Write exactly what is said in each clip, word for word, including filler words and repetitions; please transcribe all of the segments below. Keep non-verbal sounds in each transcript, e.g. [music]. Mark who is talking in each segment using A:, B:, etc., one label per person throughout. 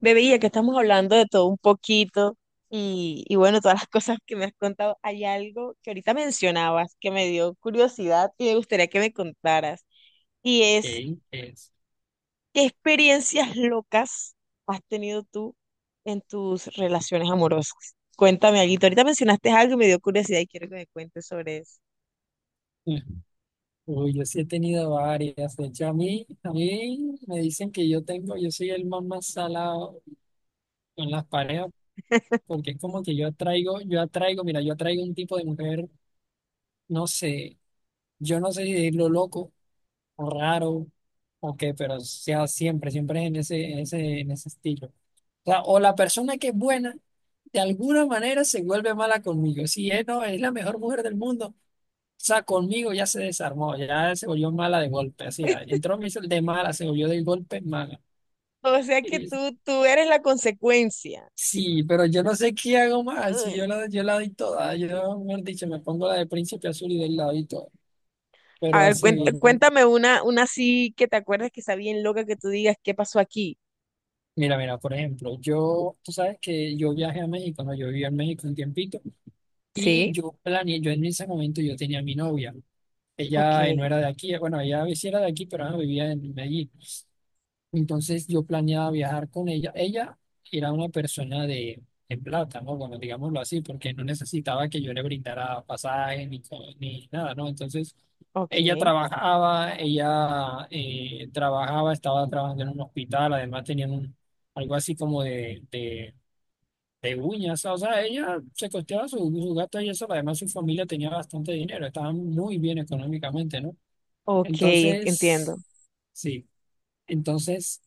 A: Bebé, ya que estamos hablando de todo un poquito y, y bueno, todas las [laughs] cosas que me has contado, hay algo que ahorita mencionabas que me dio curiosidad y me gustaría que me contaras. Y es,
B: Ey, es.
A: ¿qué experiencias locas has tenido tú en tus relaciones amorosas? Cuéntame algo. Ahorita mencionaste algo y me dio curiosidad y quiero que me cuentes sobre eso.
B: Uy, yo sí he tenido varias. De hecho, a mí, a mí me dicen que yo tengo, yo soy el más más salado con las parejas, porque es como que yo atraigo, yo atraigo, mira, yo atraigo un tipo de mujer, no sé, yo no sé si decirlo loco o raro o qué, pero o sea siempre, siempre es en ese, en ese, en ese estilo. O sea, o la persona que es buena, de alguna manera se vuelve mala conmigo. Si es, no, es la mejor mujer del mundo. O sea, conmigo ya se desarmó, ya se volvió mala de golpe, así, ah,
A: [laughs]
B: entró me hizo el de mala, se volvió de golpe mala.
A: O sea que
B: Y-
A: tú, tú eres la consecuencia.
B: Sí, pero yo no sé qué hago más, si yo
A: Ay.
B: la, yo la doy toda, yo, mejor dicho, me pongo la de Príncipe Azul y del lado y todo.
A: A
B: Pero
A: ver,
B: así,
A: cuént- cuéntame una, una así que te acuerdas que está bien loca que tú digas qué pasó aquí.
B: mira, mira, por ejemplo, yo, tú sabes que yo viajé a México, ¿no? Yo viví en México un tiempito y
A: Sí.
B: yo planeé, yo en ese momento yo tenía a mi novia,
A: Ok,
B: ella no era de aquí, bueno, ella sí era de aquí, pero ah, vivía en Medellín. Entonces yo planeaba viajar con ella. Ella era una persona de, de plata, ¿no? Bueno, digámoslo así, porque no necesitaba que yo le brindara pasaje ni, co- ni nada, ¿no? Entonces
A: ok,
B: ella trabajaba, ella eh, trabajaba, estaba trabajando en un hospital, además tenían un, algo así como de, de, de uñas, o sea, ella se costeaba su, su gasto y eso, además su familia tenía bastante dinero, estaban muy bien económicamente, ¿no?
A: ok, en- entiendo.
B: Entonces, sí, entonces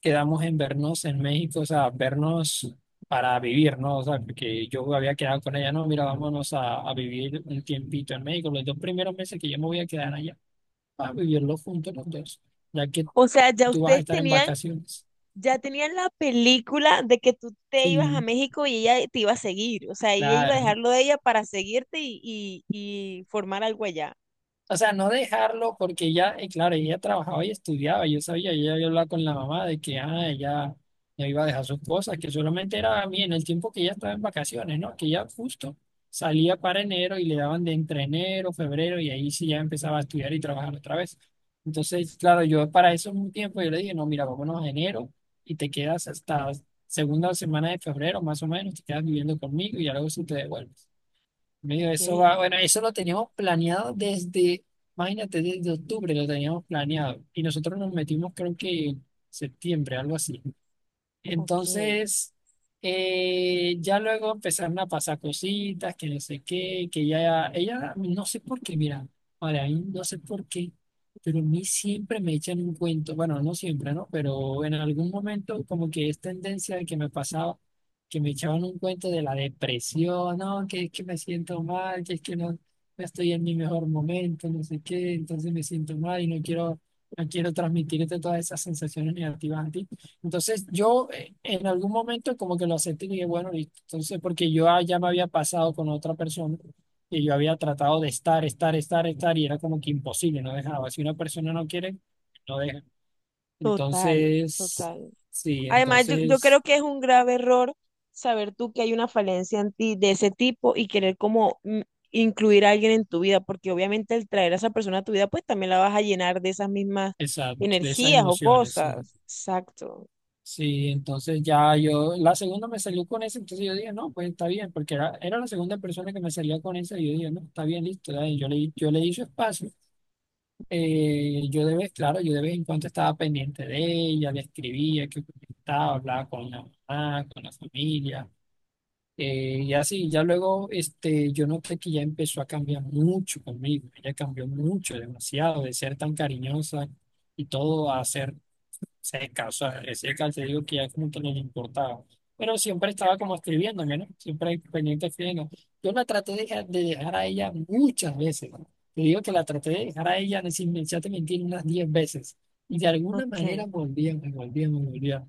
B: quedamos en vernos en México, o sea, vernos para vivir, ¿no? O sea, porque yo había quedado con ella, no, mira, vámonos a, a vivir un tiempito en México, los dos primeros meses que yo me voy a quedar allá, a vivirlo juntos los dos, ya que
A: O sea, ya
B: tú vas a
A: ustedes
B: estar en
A: tenían,
B: vacaciones.
A: ya tenían la película de que tú te ibas a
B: Sí,
A: México y ella te iba a seguir. O sea, ella iba a
B: claro.
A: dejarlo de ella para seguirte y, y, y formar algo allá.
B: O sea, no dejarlo porque ya, eh, claro, ella trabajaba y estudiaba, yo sabía, ella había hablado con la mamá de que ah, ella no iba a dejar sus cosas, que solamente era a mí en el tiempo que ella estaba en vacaciones, ¿no? Que ella justo salía para enero y le daban de entre enero, febrero y ahí sí ya empezaba a estudiar y trabajar otra vez. Entonces, claro, yo para eso un tiempo yo le dije, no, mira, vámonos a enero y te quedas hasta segunda semana de febrero, más o menos, te quedas viviendo conmigo y ya luego sí te devuelves. Amigo,
A: Ok,
B: eso va, bueno, eso lo teníamos planeado desde, imagínate, desde octubre lo teníamos planeado y nosotros nos metimos creo que en septiembre, algo así.
A: ok,
B: Entonces, eh, ya luego empezaron a pasar cositas, que no sé qué, que ya ella, no sé por qué, mira, ahora ahí no sé por qué, pero a mí siempre me echan un cuento, bueno, no siempre, ¿no? Pero en algún momento como que es tendencia de que me pasaba, que me echaban un cuento de la depresión, no, que es que me siento mal, que es que no, no estoy en mi mejor momento, no sé qué, entonces me siento mal y no quiero, no quiero transmitirte todas esas sensaciones negativas a ti. Entonces yo eh, en algún momento como que lo acepté y dije, bueno, listo. Entonces, porque yo ah, ya me había pasado con otra persona y yo había tratado de estar, estar, estar, estar y era como que imposible, no dejaba. Si una persona no quiere, no deja.
A: total,
B: Entonces,
A: total.
B: sí,
A: Además, yo, yo creo
B: entonces,
A: que es un grave error saber tú que hay una falencia en ti de ese tipo y querer como mm, incluir a alguien en tu vida, porque obviamente el traer a esa persona a tu vida, pues también la vas a llenar de esas mismas
B: exacto, de esas
A: energías o
B: emociones, sí.
A: cosas. Exacto.
B: Sí, entonces ya yo, la segunda me salió con esa, entonces yo dije, no, pues está bien, porque era, era la segunda persona que me salía con esa y yo dije, no, está bien, listo, dale, yo le, yo le di su espacio. Eh, yo de vez, claro, yo de vez en cuando estaba pendiente de ella, le escribía, que estaba, hablaba con la mamá, con la familia, eh, y así, ya luego, este, yo noté que ya empezó a cambiar mucho conmigo, ella cambió mucho, demasiado, de ser tan cariñosa y todo a ser seca, o sea, seca, te digo que ya como que no le importaba. Pero siempre estaba como escribiéndome, ¿no? Siempre pendiente escribiendo. Yo la traté de dejar, de dejar a ella muchas veces, ¿no? Te digo que la traté de dejar a ella, sin me te mentir, unas diez veces. Y de alguna manera
A: Ok.
B: volvía, me volvía, me volvía.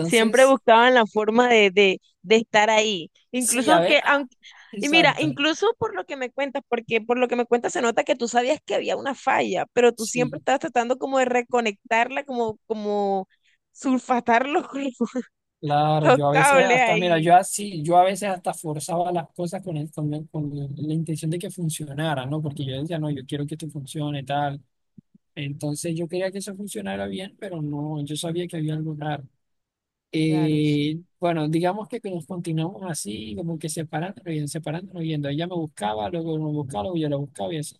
A: Siempre buscaban la forma de, de, de estar ahí.
B: sí,
A: Incluso
B: a
A: aunque,
B: ver, ah,
A: aunque, y mira,
B: exacto,
A: incluso por lo que me cuentas, porque por lo que me cuentas se nota que tú sabías que había una falla, pero tú siempre
B: sí.
A: estabas tratando como de reconectarla, como, como sulfatar los, [laughs]
B: Claro,
A: los
B: yo a veces
A: cables
B: hasta, mira,
A: ahí.
B: yo así, yo a veces hasta forzaba las cosas con, el- con, el- con la intención de que funcionara, ¿no? Porque yo decía, no, yo quiero que esto funcione, tal. Entonces yo quería que eso funcionara bien, pero no, yo sabía que había algo raro.
A: Claro, sí.
B: Eh, bueno, digamos que que nos continuamos así, como que separándonos y separándonos, yendo. Ella me buscaba, luego me buscaba, luego yo la buscaba y así.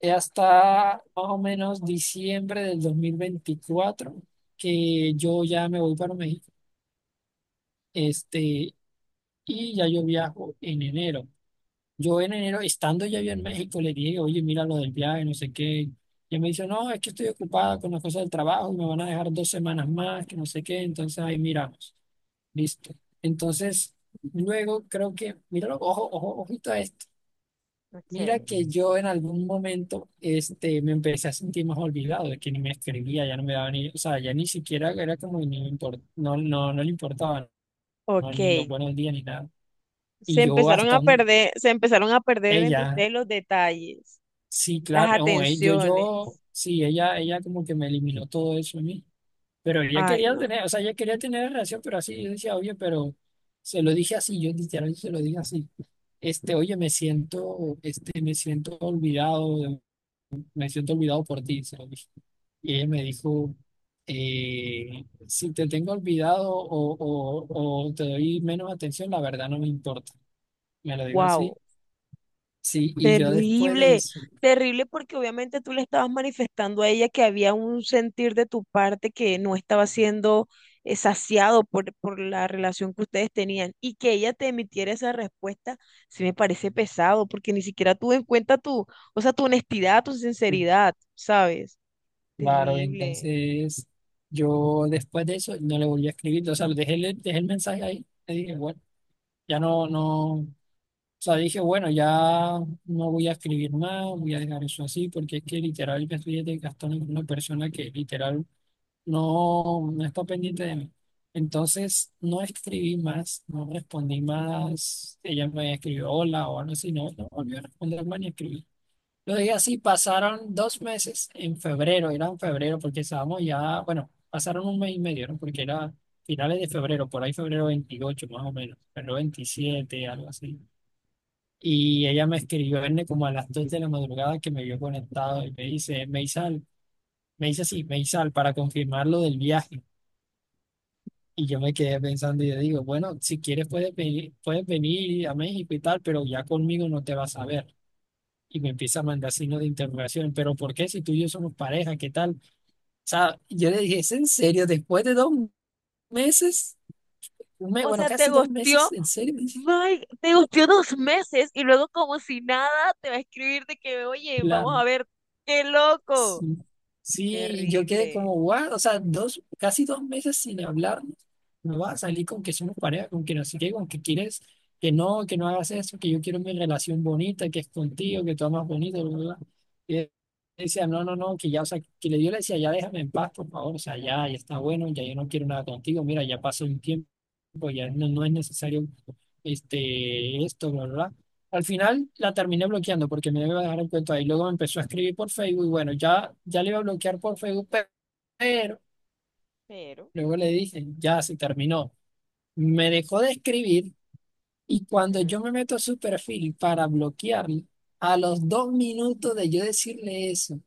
B: Eh, Hasta más o menos diciembre del dos mil veinticuatro que yo ya me voy para México, este, y ya yo viajo en enero. Yo en enero, estando ya yo en México, le dije, oye, mira lo del viaje, no sé qué. Y él me dice, no, es que estoy ocupada con las cosas del trabajo, me van a dejar dos semanas más, que no sé qué. Entonces ahí miramos, listo. Entonces, luego creo que, míralo, ojo, ojo, ojito a esto. Mira
A: Ok.
B: que yo en algún momento este, me empecé a sentir más olvidado, de que ni me escribía, ya no me daba ni, o sea, ya ni siquiera era como, ni me import- no, no, no le importaba, no,
A: Ok,
B: ni los buenos días ni nada. Y
A: se
B: yo
A: empezaron
B: hasta
A: a
B: un,
A: perder, se empezaron a perder entre
B: ella.
A: ustedes los detalles,
B: Sí,
A: las
B: claro, no, eh, yo,
A: atenciones.
B: yo, sí, ella, ella como que me eliminó todo eso a mí, pero ella
A: Ay,
B: quería
A: no.
B: tener, o sea, ella quería tener relación, pero así, yo decía, oye, pero se lo dije así, yo literal se lo dije así, este, oye, me siento, este, me siento olvidado, me siento olvidado por ti, se lo dije. Y ella me dijo, eh, si te tengo olvidado o, o, o te doy menos atención, la verdad no me importa, me lo digo
A: Wow.
B: así, sí, y yo después de
A: Terrible,
B: eso.
A: terrible porque obviamente tú le estabas manifestando a ella que había un sentir de tu parte que no estaba siendo eh, saciado por, por la relación que ustedes tenían y que ella te emitiera esa respuesta, sí me parece pesado porque ni siquiera tuvo en cuenta tu, o sea, tu honestidad, tu
B: Sí,
A: sinceridad, ¿sabes?
B: claro,
A: Terrible.
B: entonces yo después de eso no le volví a escribir, o sea, dejé, el- dejé el mensaje ahí, le dije, bueno, ya no, no, o sea, dije, bueno, ya no voy a escribir más, voy a dejar eso así, porque es que literal me estoy desgastando con una persona que literal no, no está pendiente de mí. Entonces no escribí más, no respondí más, ella me escribió hola o algo así, no, no volvió a responderme ni escribir. Lo dije así, pasaron dos meses en febrero, era en febrero porque estábamos ya, bueno, pasaron un mes y medio, ¿no? Porque era finales de febrero, por ahí febrero veintiocho más o menos, febrero veintisiete algo así. Y ella me escribió Erne, como a las dos de la madrugada que me vio conectado y me dice, Meisal, me dice así, Meisal, para confirmar lo del viaje. Y yo me quedé pensando y le digo, bueno, si quieres puedes venir, puedes venir a México y tal, pero ya conmigo no te vas a ver. Y me empieza a mandar signos de interrogación, pero ¿por qué si tú y yo somos pareja? ¿Qué tal? O sea, yo le dije, ¿es en serio? Después de dos meses, un mes,
A: O
B: bueno,
A: sea, te
B: casi dos meses,
A: gustió,
B: ¿en serio? Me dice,
A: Mike, te gustió dos meses y luego como si nada te va a escribir de que, oye, vamos
B: claro.
A: a ver, qué loco.
B: Sí, sí, yo quedé
A: Terrible.
B: como, guau, o sea, dos, casi dos meses sin hablarnos. No va a salir con que somos pareja, con que no sé qué, con que quieres que no, que no hagas eso, que yo quiero mi relación bonita, que es contigo, que tú amas bonito, bla, bla. Bla". Y él decía, no, no, no, que ya, o sea, que le dio le decía, ya déjame en paz, por favor, o sea, ya, ya está bueno, ya yo no quiero nada contigo, mira, ya pasó un tiempo, ya no, no es necesario este, esto, bla, bla. Bla". Al final la terminé bloqueando porque me iba a dejar el cuento ahí. Luego me empezó a escribir por Facebook y bueno, ya, ya le iba a bloquear por Facebook, pe- pero
A: Pero,
B: luego le dije, ya se terminó. Me dejó de escribir y cuando
A: ujú.
B: yo me meto a su perfil para bloquearle, a los dos minutos de yo decirle eso,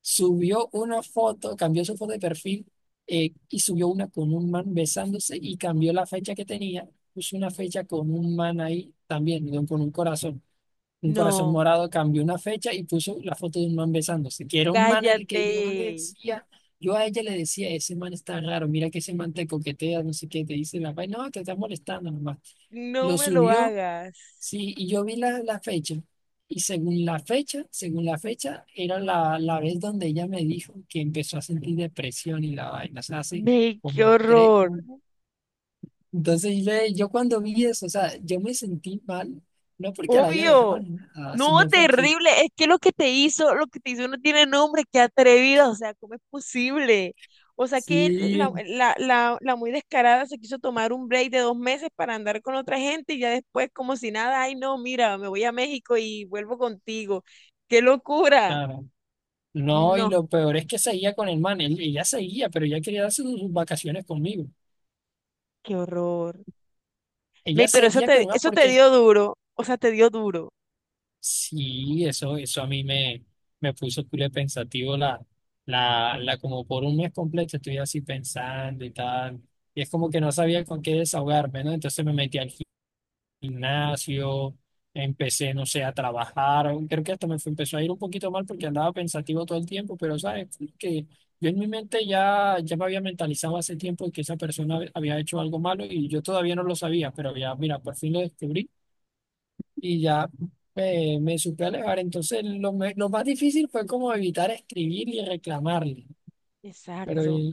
B: subió una foto, cambió su foto de perfil eh, y subió una con un man besándose y cambió la fecha que tenía, puso una fecha con un man ahí también, con un corazón un corazón
A: No,
B: morado, cambió una fecha y puso la foto de un man besándose, que era un man el que
A: cállate.
B: yo le decía, yo a ella le decía, ese man está raro, mira que ese man te coquetea, no sé qué, te dice la vaina, no, te está molestando nomás.
A: No
B: Lo
A: me lo
B: subió,
A: hagas.
B: sí, y yo vi la, la fecha, y según la fecha, según la fecha, era la, la vez donde ella me dijo que empezó a sentir depresión y la vaina, o sea, hace
A: Ve, qué
B: como tres,
A: horror.
B: como- Entonces le- yo cuando vi eso, o sea, yo me sentí mal, no porque la haya dejado
A: Obvio.
B: ni nada,
A: No,
B: sino porque.
A: terrible. Es que lo que te hizo, lo que te hizo no tiene nombre. Qué atrevida. O sea, ¿cómo es posible? O sea, que la,
B: Sí,
A: la, la, la muy descarada se quiso tomar un break de dos meses para andar con otra gente y ya después, como si nada, ay, no, mira, me voy a México y vuelvo contigo. ¡Qué locura!
B: claro. No, y
A: No,
B: lo peor es que seguía con el man. Él- ella seguía, pero ella quería darse sus, sus vacaciones conmigo.
A: qué horror. Ve,
B: Ella
A: pero eso
B: seguía con
A: te,
B: el man
A: eso te
B: porque
A: dio duro, o sea, te dio duro.
B: sí, eso, eso a mí me, me, puso culé pensativo la, la, la, como por un mes completo estuve así pensando y tal. Y es como que no sabía con qué desahogarme, ¿no? Entonces me metí al gimnasio, empecé, no sé, a trabajar, creo que hasta me fue- empezó a ir un poquito mal porque andaba pensativo todo el tiempo, pero sabes, fue que yo en mi mente ya, ya me había mentalizado hace tiempo que esa persona había hecho algo malo y yo todavía no lo sabía, pero ya, mira, por fin lo descubrí y ya me, me supe alejar, entonces lo, me- lo más difícil fue como evitar escribir y reclamarle, pero,
A: Exacto,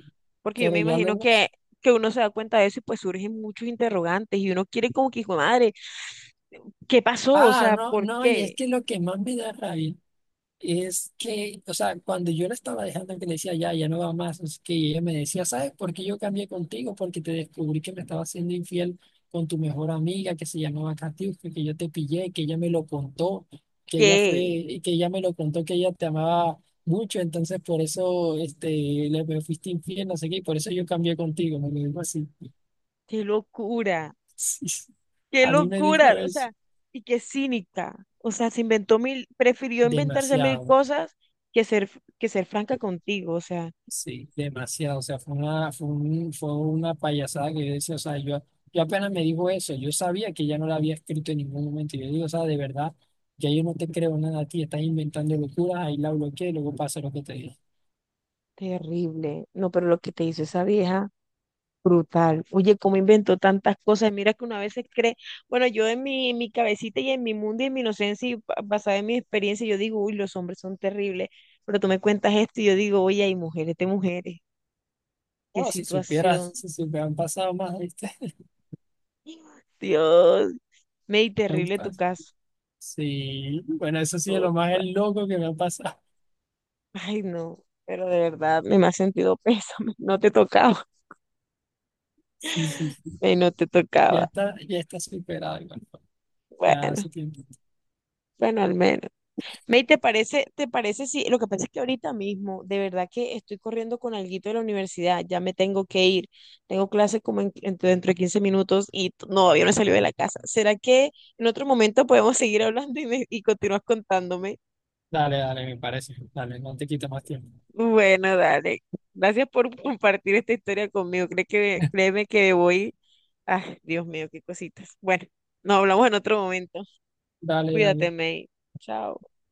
A: porque yo me
B: pero ya
A: imagino
B: luego...
A: que, que uno se da cuenta de eso y pues surgen muchos interrogantes y uno quiere como que, hijo de madre, ¿qué pasó? O
B: Ah,
A: sea,
B: no,
A: ¿por
B: no, y es
A: qué?
B: que lo que más me da rabia. Es que, o sea, cuando yo la estaba dejando, que le decía, ya, ya no va más, es que ella me decía, ¿sabes por qué yo cambié contigo? Porque te descubrí que me estaba siendo infiel con tu mejor amiga que se llamaba Katiuska, que yo te pillé, que ella me lo contó, que ella
A: ¿Qué?
B: fue, que ella me lo contó, que ella te amaba mucho, entonces por eso, este, le me fuiste infiel, no sé qué, y por eso yo cambié contigo, me lo dijo así. [laughs]
A: ¡Qué locura!
B: Sí,
A: ¡Qué
B: a mí me dijo
A: locura! O
B: eso
A: sea, y qué cínica. O sea, se inventó mil, prefirió inventarse mil
B: demasiado.
A: cosas que ser, que ser franca contigo. O sea,
B: Sí, demasiado. O sea, fue una, fue un- fue una payasada que yo decía, o sea, yo, yo apenas me dijo eso, yo sabía que ya no la había escrito en ningún momento. Yo digo, o sea, de verdad, ya yo no te creo nada a ti, estás inventando locuras, ahí la bloqueé y luego pasa lo que te dije.
A: terrible. No, pero lo que te hizo esa vieja. Brutal. Oye, cómo inventó tantas cosas. Mira que una vez se cree, bueno, yo en mi, en mi cabecita y en mi mundo y en mi inocencia y ba- basada en mi experiencia, yo digo, uy, los hombres son terribles. Pero tú me cuentas esto y yo digo, oye, hay mujeres de mujeres. Qué
B: Oh, si supieras,
A: situación.
B: [laughs] si supieras, han pasado más, ¿viste? [laughs]
A: Dios, me di
B: Han
A: terrible tu
B: pas-
A: caso.
B: Sí, bueno, eso sí es lo más
A: Tota.
B: loco que me ha pasado. [laughs]
A: Ay, no, pero de verdad me, me ha sentido pésame. [laughs] No te tocaba.
B: Sí, sí, sí.
A: Eh, no te
B: Ya
A: tocaba.
B: está, ya está superado, igual. Ya
A: Bueno,
B: hace tiempo.
A: bueno, al menos. May, ¿te parece, te parece si lo que pasa es que ahorita mismo, de verdad que estoy corriendo con alguito de la universidad, ya me tengo que ir, tengo clase como en- en- dentro de quince minutos y t- no, todavía no he salido de la casa. ¿Será que en otro momento podemos seguir hablando y, me- y continúas contándome?
B: Dale, dale, me parece. Dale, no te quita más tiempo.
A: Bueno, dale. Gracias por compartir esta historia conmigo. Cree que, créeme que voy. Ah, Dios mío, qué cositas. Bueno, nos hablamos en otro momento.
B: Dale, dale.
A: Cuídate, May. Chao.